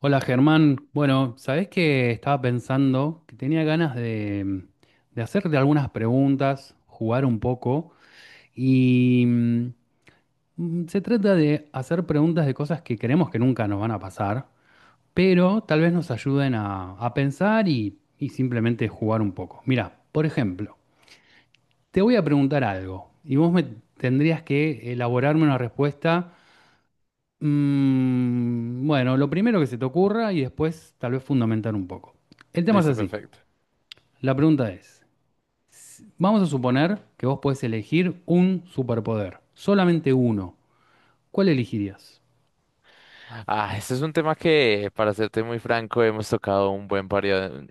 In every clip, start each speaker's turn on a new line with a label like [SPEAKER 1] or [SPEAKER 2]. [SPEAKER 1] Hola Germán, bueno, sabés que estaba pensando que tenía ganas de hacerte algunas preguntas, jugar un poco y se trata de hacer preguntas de cosas que creemos que nunca nos van a pasar, pero tal vez nos ayuden a pensar y simplemente jugar un poco. Mira, por ejemplo, te voy a preguntar algo y vos me tendrías que elaborarme una respuesta. Bueno, lo primero que se te ocurra y después tal vez fundamentar un poco. El tema es
[SPEAKER 2] Listo,
[SPEAKER 1] así.
[SPEAKER 2] perfecto.
[SPEAKER 1] La pregunta es, vamos a suponer que vos podés elegir un superpoder, solamente uno. ¿Cuál elegirías?
[SPEAKER 2] Este es un tema que, para serte muy franco, hemos tocado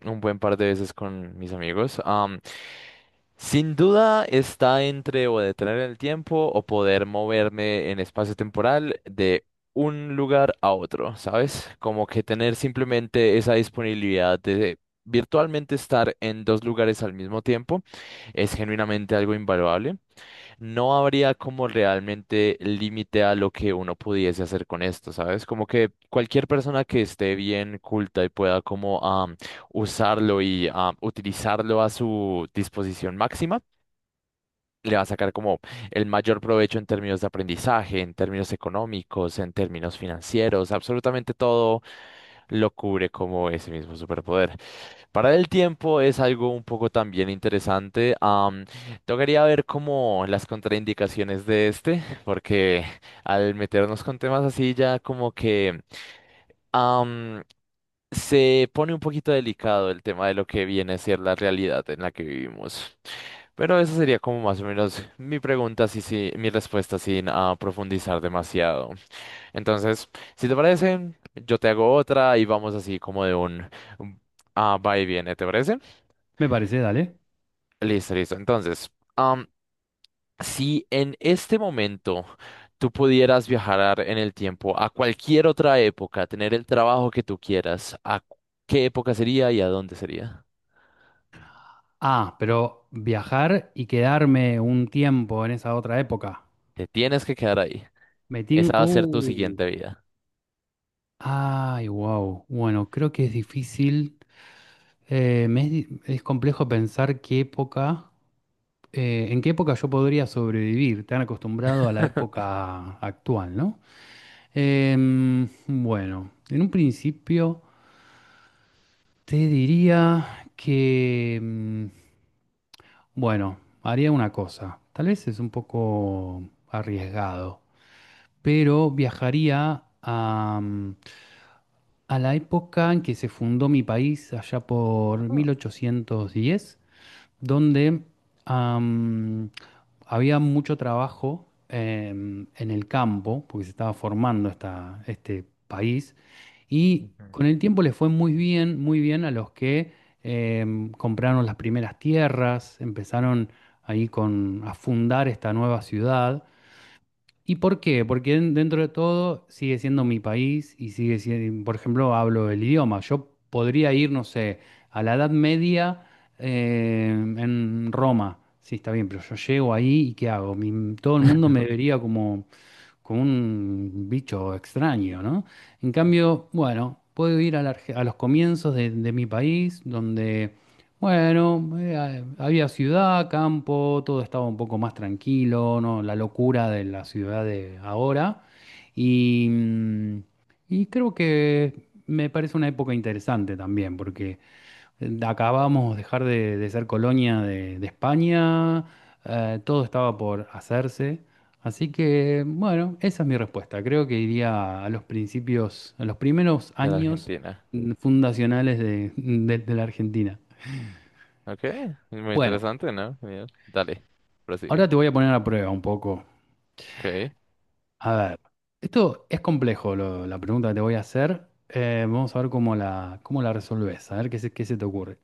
[SPEAKER 2] un buen par de veces con mis amigos. Sin duda está entre o detener el tiempo o poder moverme en espacio temporal de un lugar a otro, ¿sabes? Como que tener simplemente esa disponibilidad de virtualmente estar en dos lugares al mismo tiempo es genuinamente algo invaluable. No habría como realmente límite a lo que uno pudiese hacer con esto, ¿sabes? Como que cualquier persona que esté bien culta y pueda como usarlo y utilizarlo a su disposición máxima, le va a sacar como el mayor provecho en términos de aprendizaje, en términos económicos, en términos financieros, absolutamente todo lo cubre como ese mismo superpoder. Parar el tiempo es algo un poco también interesante. Tocaría ver como las contraindicaciones de este, porque al meternos con temas así ya como que am, se pone un poquito delicado el tema de lo que viene a ser la realidad en la que vivimos. Pero esa sería como más o menos mi pregunta, sí, sí, mi respuesta sin profundizar demasiado. Entonces, si te parece, yo te hago otra y vamos así como de un un- va y viene, ¿te parece?
[SPEAKER 1] Me parece, dale.
[SPEAKER 2] Listo, listo. Entonces, si en este momento tú pudieras viajar en el tiempo a cualquier otra época, tener el trabajo que tú quieras, ¿qué época sería y a dónde sería?
[SPEAKER 1] Ah, pero viajar y quedarme un tiempo en esa otra época.
[SPEAKER 2] Te tienes que quedar ahí.
[SPEAKER 1] Metín...
[SPEAKER 2] Esa va a ser tu siguiente vida.
[SPEAKER 1] Ay, wow. Bueno, creo que es difícil. Es complejo pensar qué época. ¿En qué época yo podría sobrevivir? Tan acostumbrado a la época actual, ¿no? Bueno, en un principio te diría que, bueno, haría una cosa. Tal vez es un poco arriesgado, pero viajaría a la época en que se fundó mi país, allá por
[SPEAKER 2] Oh.
[SPEAKER 1] 1810. Donde am, había mucho trabajo en el campo, porque se estaba formando este país, y con el tiempo les fue muy bien a los que compraron las primeras tierras, empezaron ahí a fundar esta nueva ciudad. ¿Y por qué? Porque dentro de todo sigue siendo mi país y sigue siendo, por ejemplo, hablo el idioma. Yo podría ir, no sé, a la Edad Media en Roma. Sí, está bien, pero yo llego ahí y ¿qué hago? Todo el mundo me vería como un bicho extraño, ¿no? En cambio, bueno, puedo ir a los comienzos de mi país, donde bueno, había ciudad, campo, todo estaba un poco más tranquilo, ¿no? La locura de la ciudad de ahora. Y, mm, y creo que me parece una época interesante también, porque acabamos de dejar de ser colonia de España, todo estaba por hacerse. Así que, bueno, esa es mi respuesta. Creo que iría a los principios, a los primeros
[SPEAKER 2] De la
[SPEAKER 1] años
[SPEAKER 2] Argentina.
[SPEAKER 1] fundacionales de la Argentina.
[SPEAKER 2] Ok, muy
[SPEAKER 1] Bueno,
[SPEAKER 2] interesante, ¿no? Genial. Dale, prosigue.
[SPEAKER 1] ahora te voy a poner a prueba un poco.
[SPEAKER 2] Ok.
[SPEAKER 1] A ver, esto es complejo, la pregunta que te voy a hacer. Vamos a ver cómo la resolvés, a ver qué se te ocurre.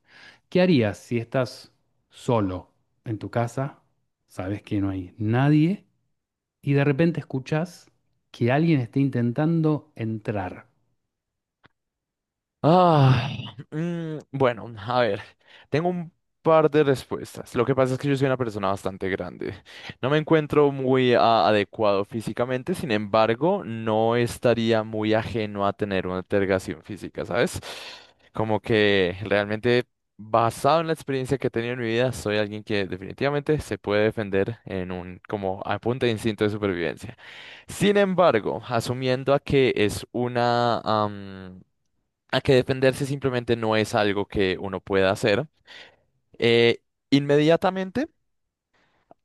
[SPEAKER 1] ¿Qué harías si estás solo en tu casa, sabes que no hay nadie y de repente escuchas que alguien está intentando entrar?
[SPEAKER 2] Ah, bueno, a ver, tengo un par de respuestas. Lo que pasa es que yo soy una persona bastante grande. No me encuentro muy adecuado físicamente, sin embargo, no estaría muy ajeno a tener una altergación física, ¿sabes? Como que realmente, basado en la experiencia que he tenido en mi vida, soy alguien que definitivamente se puede defender en un, como a punta de instinto de supervivencia. Sin embargo, asumiendo a que es una a que defenderse simplemente no es algo que uno pueda hacer. Eh, inmediatamente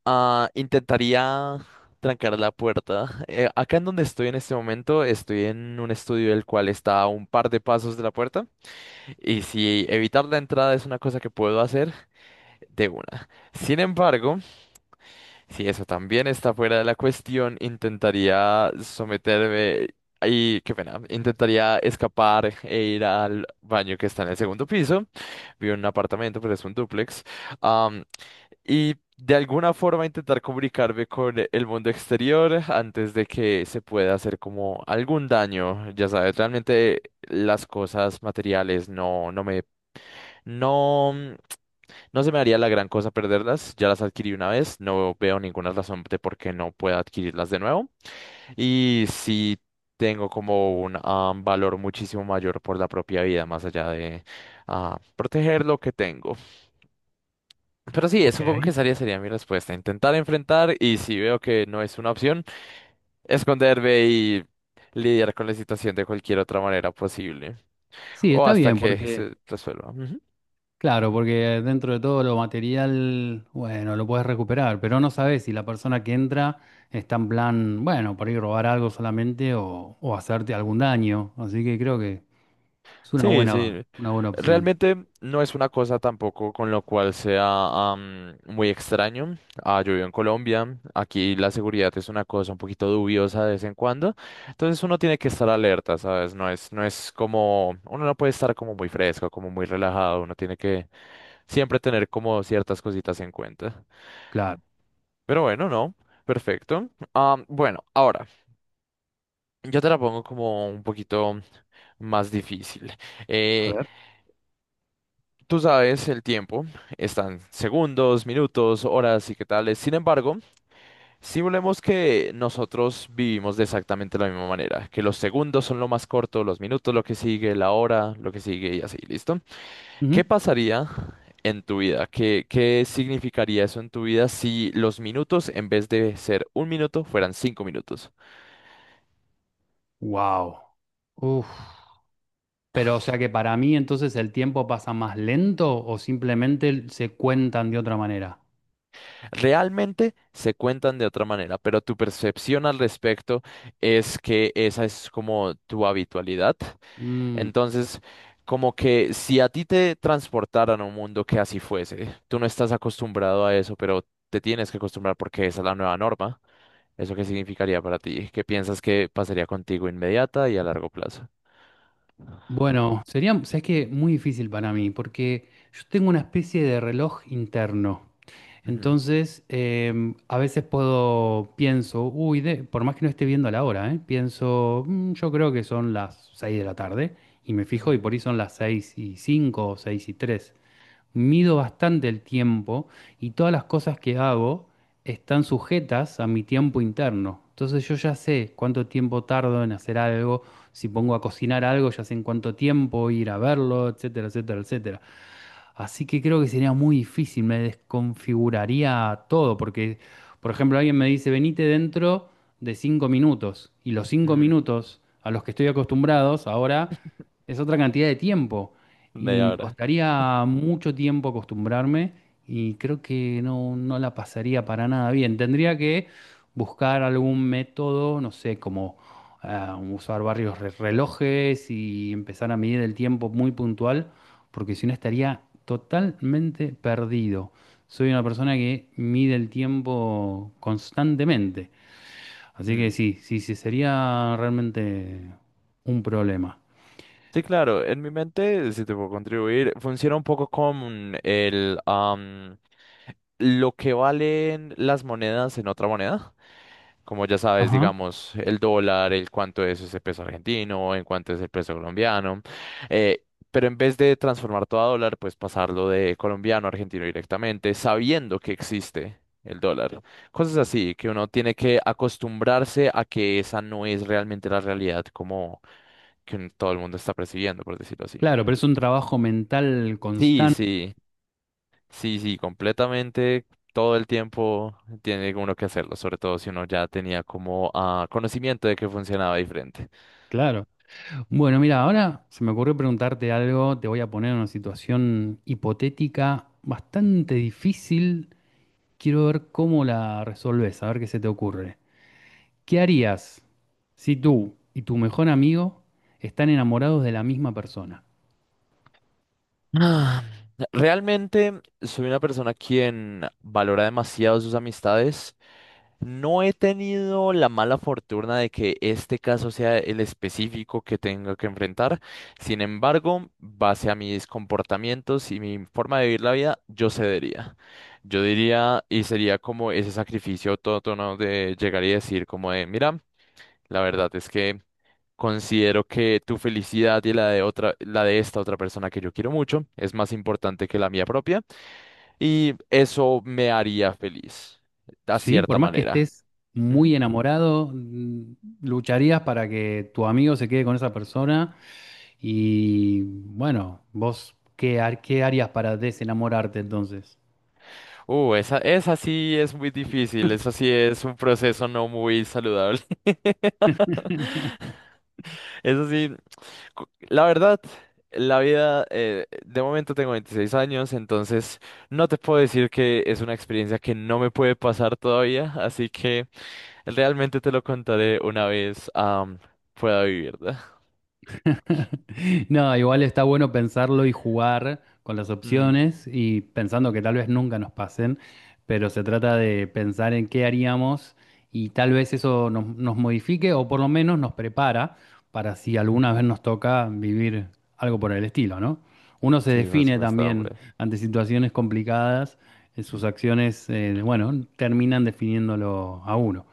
[SPEAKER 2] intentaría trancar la puerta. Acá en donde estoy en este momento, estoy en un estudio el cual está a un par de pasos de la puerta, y si evitar la entrada es una cosa que puedo hacer, de una. Sin embargo, si eso también está fuera de la cuestión, intentaría someterme y, qué pena, intentaría escapar e ir al baño que está en el segundo piso. Vivo en un apartamento, pero es un dúplex. am, y de alguna forma intentar comunicarme con el mundo exterior antes de que se pueda hacer como algún daño. Ya sabes, realmente las cosas materiales no, no me, no. No se me haría la gran cosa perderlas, ya las adquirí una vez, no veo ninguna razón de por qué no pueda adquirirlas de nuevo. Y sí tengo como un valor muchísimo mayor por la propia vida, más allá de proteger lo que tengo. Pero sí,
[SPEAKER 1] Ok.
[SPEAKER 2] supongo que esa sería mi respuesta, intentar enfrentar y si veo que no es una opción, esconderme y lidiar con la situación de cualquier otra manera posible
[SPEAKER 1] Sí,
[SPEAKER 2] o
[SPEAKER 1] está
[SPEAKER 2] hasta
[SPEAKER 1] bien,
[SPEAKER 2] que
[SPEAKER 1] porque,
[SPEAKER 2] se resuelva. Ujú.
[SPEAKER 1] claro, porque dentro de todo lo material, bueno, lo puedes recuperar, pero no sabes si la persona que entra está en plan, bueno, por ahí robar algo solamente o hacerte algún daño. Así que creo que es
[SPEAKER 2] Sí, sí.
[SPEAKER 1] una buena opción.
[SPEAKER 2] Realmente no es una cosa tampoco con lo cual sea muy extraño. Yo vivo en Colombia, aquí la seguridad es una cosa un poquito dubiosa de vez en cuando, entonces uno tiene que estar alerta, ¿sabes? No es, no es como, uno no puede estar como muy fresco, como muy relajado, uno tiene que siempre tener como ciertas cositas en cuenta.
[SPEAKER 1] Claro.
[SPEAKER 2] Pero bueno, no, perfecto. Bueno, ahora, yo te la pongo como un poquito más difícil.
[SPEAKER 1] A
[SPEAKER 2] Eh,
[SPEAKER 1] ver.
[SPEAKER 2] Tú sabes, el tiempo están segundos, minutos, horas y qué tales. Sin embargo, simulemos que nosotros vivimos de exactamente la misma manera, que los segundos son lo más corto, los minutos lo que sigue, la hora lo que sigue y así, ¿listo? ¿Qué pasaría en tu vida? ¿Qué significaría eso en tu vida si los minutos en vez de ser un minuto fueran 5 minutos?
[SPEAKER 1] Wow. Uf. Pero o sea que para mí entonces el tiempo pasa más lento o simplemente se cuentan de otra manera.
[SPEAKER 2] Realmente se cuentan de otra manera, pero tu percepción al respecto es que esa es como tu habitualidad.
[SPEAKER 1] Mm.
[SPEAKER 2] Entonces, como que si a ti te transportaran a un mundo que así fuese, tú no estás acostumbrado a eso, pero te tienes que acostumbrar porque esa es la nueva norma. ¿Eso qué significaría para ti? ¿Qué piensas que pasaría contigo inmediata y a largo plazo?
[SPEAKER 1] Bueno, sería, sabes que muy difícil para mí, porque yo tengo una especie de reloj interno.
[SPEAKER 2] Ujú,
[SPEAKER 1] Entonces, a veces puedo, pienso, uy, por más que no esté viendo la hora, ¿eh? Pienso, yo creo que son las 6 de la tarde", y me fijo, y
[SPEAKER 2] ujú,
[SPEAKER 1] por ahí son las 6 y 5 o 6 y tres. Mido bastante el tiempo y todas las cosas que hago están sujetas a mi tiempo interno. Entonces yo ya sé cuánto tiempo tardo en hacer algo, si pongo a cocinar algo, ya sé en cuánto tiempo ir a verlo, etcétera, etcétera, etcétera. Así que creo que sería muy difícil, me desconfiguraría todo, porque, por ejemplo, alguien me dice, venite dentro de 5 minutos, y los cinco
[SPEAKER 2] ujú.
[SPEAKER 1] minutos a los que estoy acostumbrados ahora es otra cantidad de tiempo, y
[SPEAKER 2] Media
[SPEAKER 1] me
[SPEAKER 2] hora.
[SPEAKER 1] costaría mucho tiempo acostumbrarme, y creo que no, no la pasaría para nada bien. Tendría que buscar algún método, no sé, como usar varios relojes y empezar a medir el tiempo muy puntual porque si no estaría totalmente perdido. Soy una persona que mide el tiempo constantemente, así que
[SPEAKER 2] Mm.
[SPEAKER 1] sí, sí, sí, sería realmente un problema.
[SPEAKER 2] Sí, claro, en mi mente, si te puedo contribuir, funciona un poco con lo que valen las monedas en otra moneda. Como ya sabes,
[SPEAKER 1] Ajá.
[SPEAKER 2] digamos, el dólar, el cuánto es ese peso argentino, en cuánto es el peso colombiano. eh, pero en vez de transformar todo a dólar, pues pasarlo de colombiano a argentino directamente, sabiendo que existe el dólar. Cosas así, que uno tiene que acostumbrarse a que esa no es realmente la realidad como que todo el mundo está percibiendo, por decirlo así.
[SPEAKER 1] Claro, pero es un trabajo mental
[SPEAKER 2] Sí,
[SPEAKER 1] constante,
[SPEAKER 2] sí. Sí, sí, completamente. Todo el tiempo tiene uno que hacerlo, sobre todo si uno ya tenía como conocimiento de que funcionaba diferente.
[SPEAKER 1] claro. Bueno, mira, ahora se me ocurrió preguntarte algo, te voy a poner en una situación hipotética bastante difícil. Quiero ver cómo la resolves, a ver qué se te ocurre. ¿Qué harías si tú y tu mejor amigo están enamorados de la misma persona?
[SPEAKER 2] Ah, Realmente soy una persona quien valora demasiado sus amistades. No he tenido la mala fortuna de que este caso sea el específico que tenga que enfrentar. Sin embargo, base a mis comportamientos y mi forma de vivir la vida, yo cedería. Yo diría y sería como ese sacrificio autótono de llegar y decir como de, mira, la verdad es que considero que tu felicidad y la de otra, la de esta otra persona que yo quiero mucho es más importante que la mía propia y eso me haría feliz, de
[SPEAKER 1] ¿Sí? Por
[SPEAKER 2] cierta
[SPEAKER 1] más que
[SPEAKER 2] manera.
[SPEAKER 1] estés
[SPEAKER 2] Ujú.
[SPEAKER 1] muy enamorado, lucharías para que tu amigo se quede con esa persona y bueno, vos, qué harías para desenamorarte entonces?
[SPEAKER 2] Esa sí es muy difícil, eso sí es un proceso no muy saludable. Eso sí, la verdad, la vida, de momento tengo 26 años, entonces no te puedo decir que es una experiencia que no me puede pasar todavía, así que... Realmente te lo contaré una vez pueda vivir, ¿verdad?
[SPEAKER 1] No, igual está bueno pensarlo y jugar con las
[SPEAKER 2] Mm,
[SPEAKER 1] opciones y pensando que tal vez nunca nos pasen, pero se trata de pensar en qué haríamos y tal vez eso nos modifique o por lo menos nos prepara para si alguna vez nos toca vivir algo por el estilo, ¿no? Uno se
[SPEAKER 2] sí, por
[SPEAKER 1] define
[SPEAKER 2] supuesto,
[SPEAKER 1] también
[SPEAKER 2] hombre.
[SPEAKER 1] ante situaciones complicadas, sus acciones, bueno, terminan definiéndolo a uno.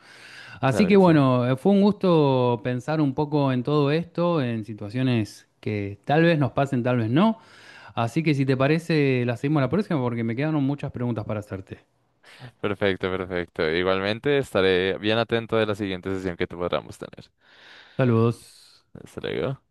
[SPEAKER 1] Así
[SPEAKER 2] Claro
[SPEAKER 1] que
[SPEAKER 2] que sí.
[SPEAKER 1] bueno, fue un gusto pensar un poco en todo esto, en situaciones que tal vez nos pasen, tal vez no. Así que si te parece, la seguimos la próxima porque me quedaron muchas preguntas para hacerte.
[SPEAKER 2] Perfecto, perfecto. Igualmente estaré bien atento de la siguiente sesión que podamos tener.
[SPEAKER 1] Saludos.
[SPEAKER 2] Hasta luego.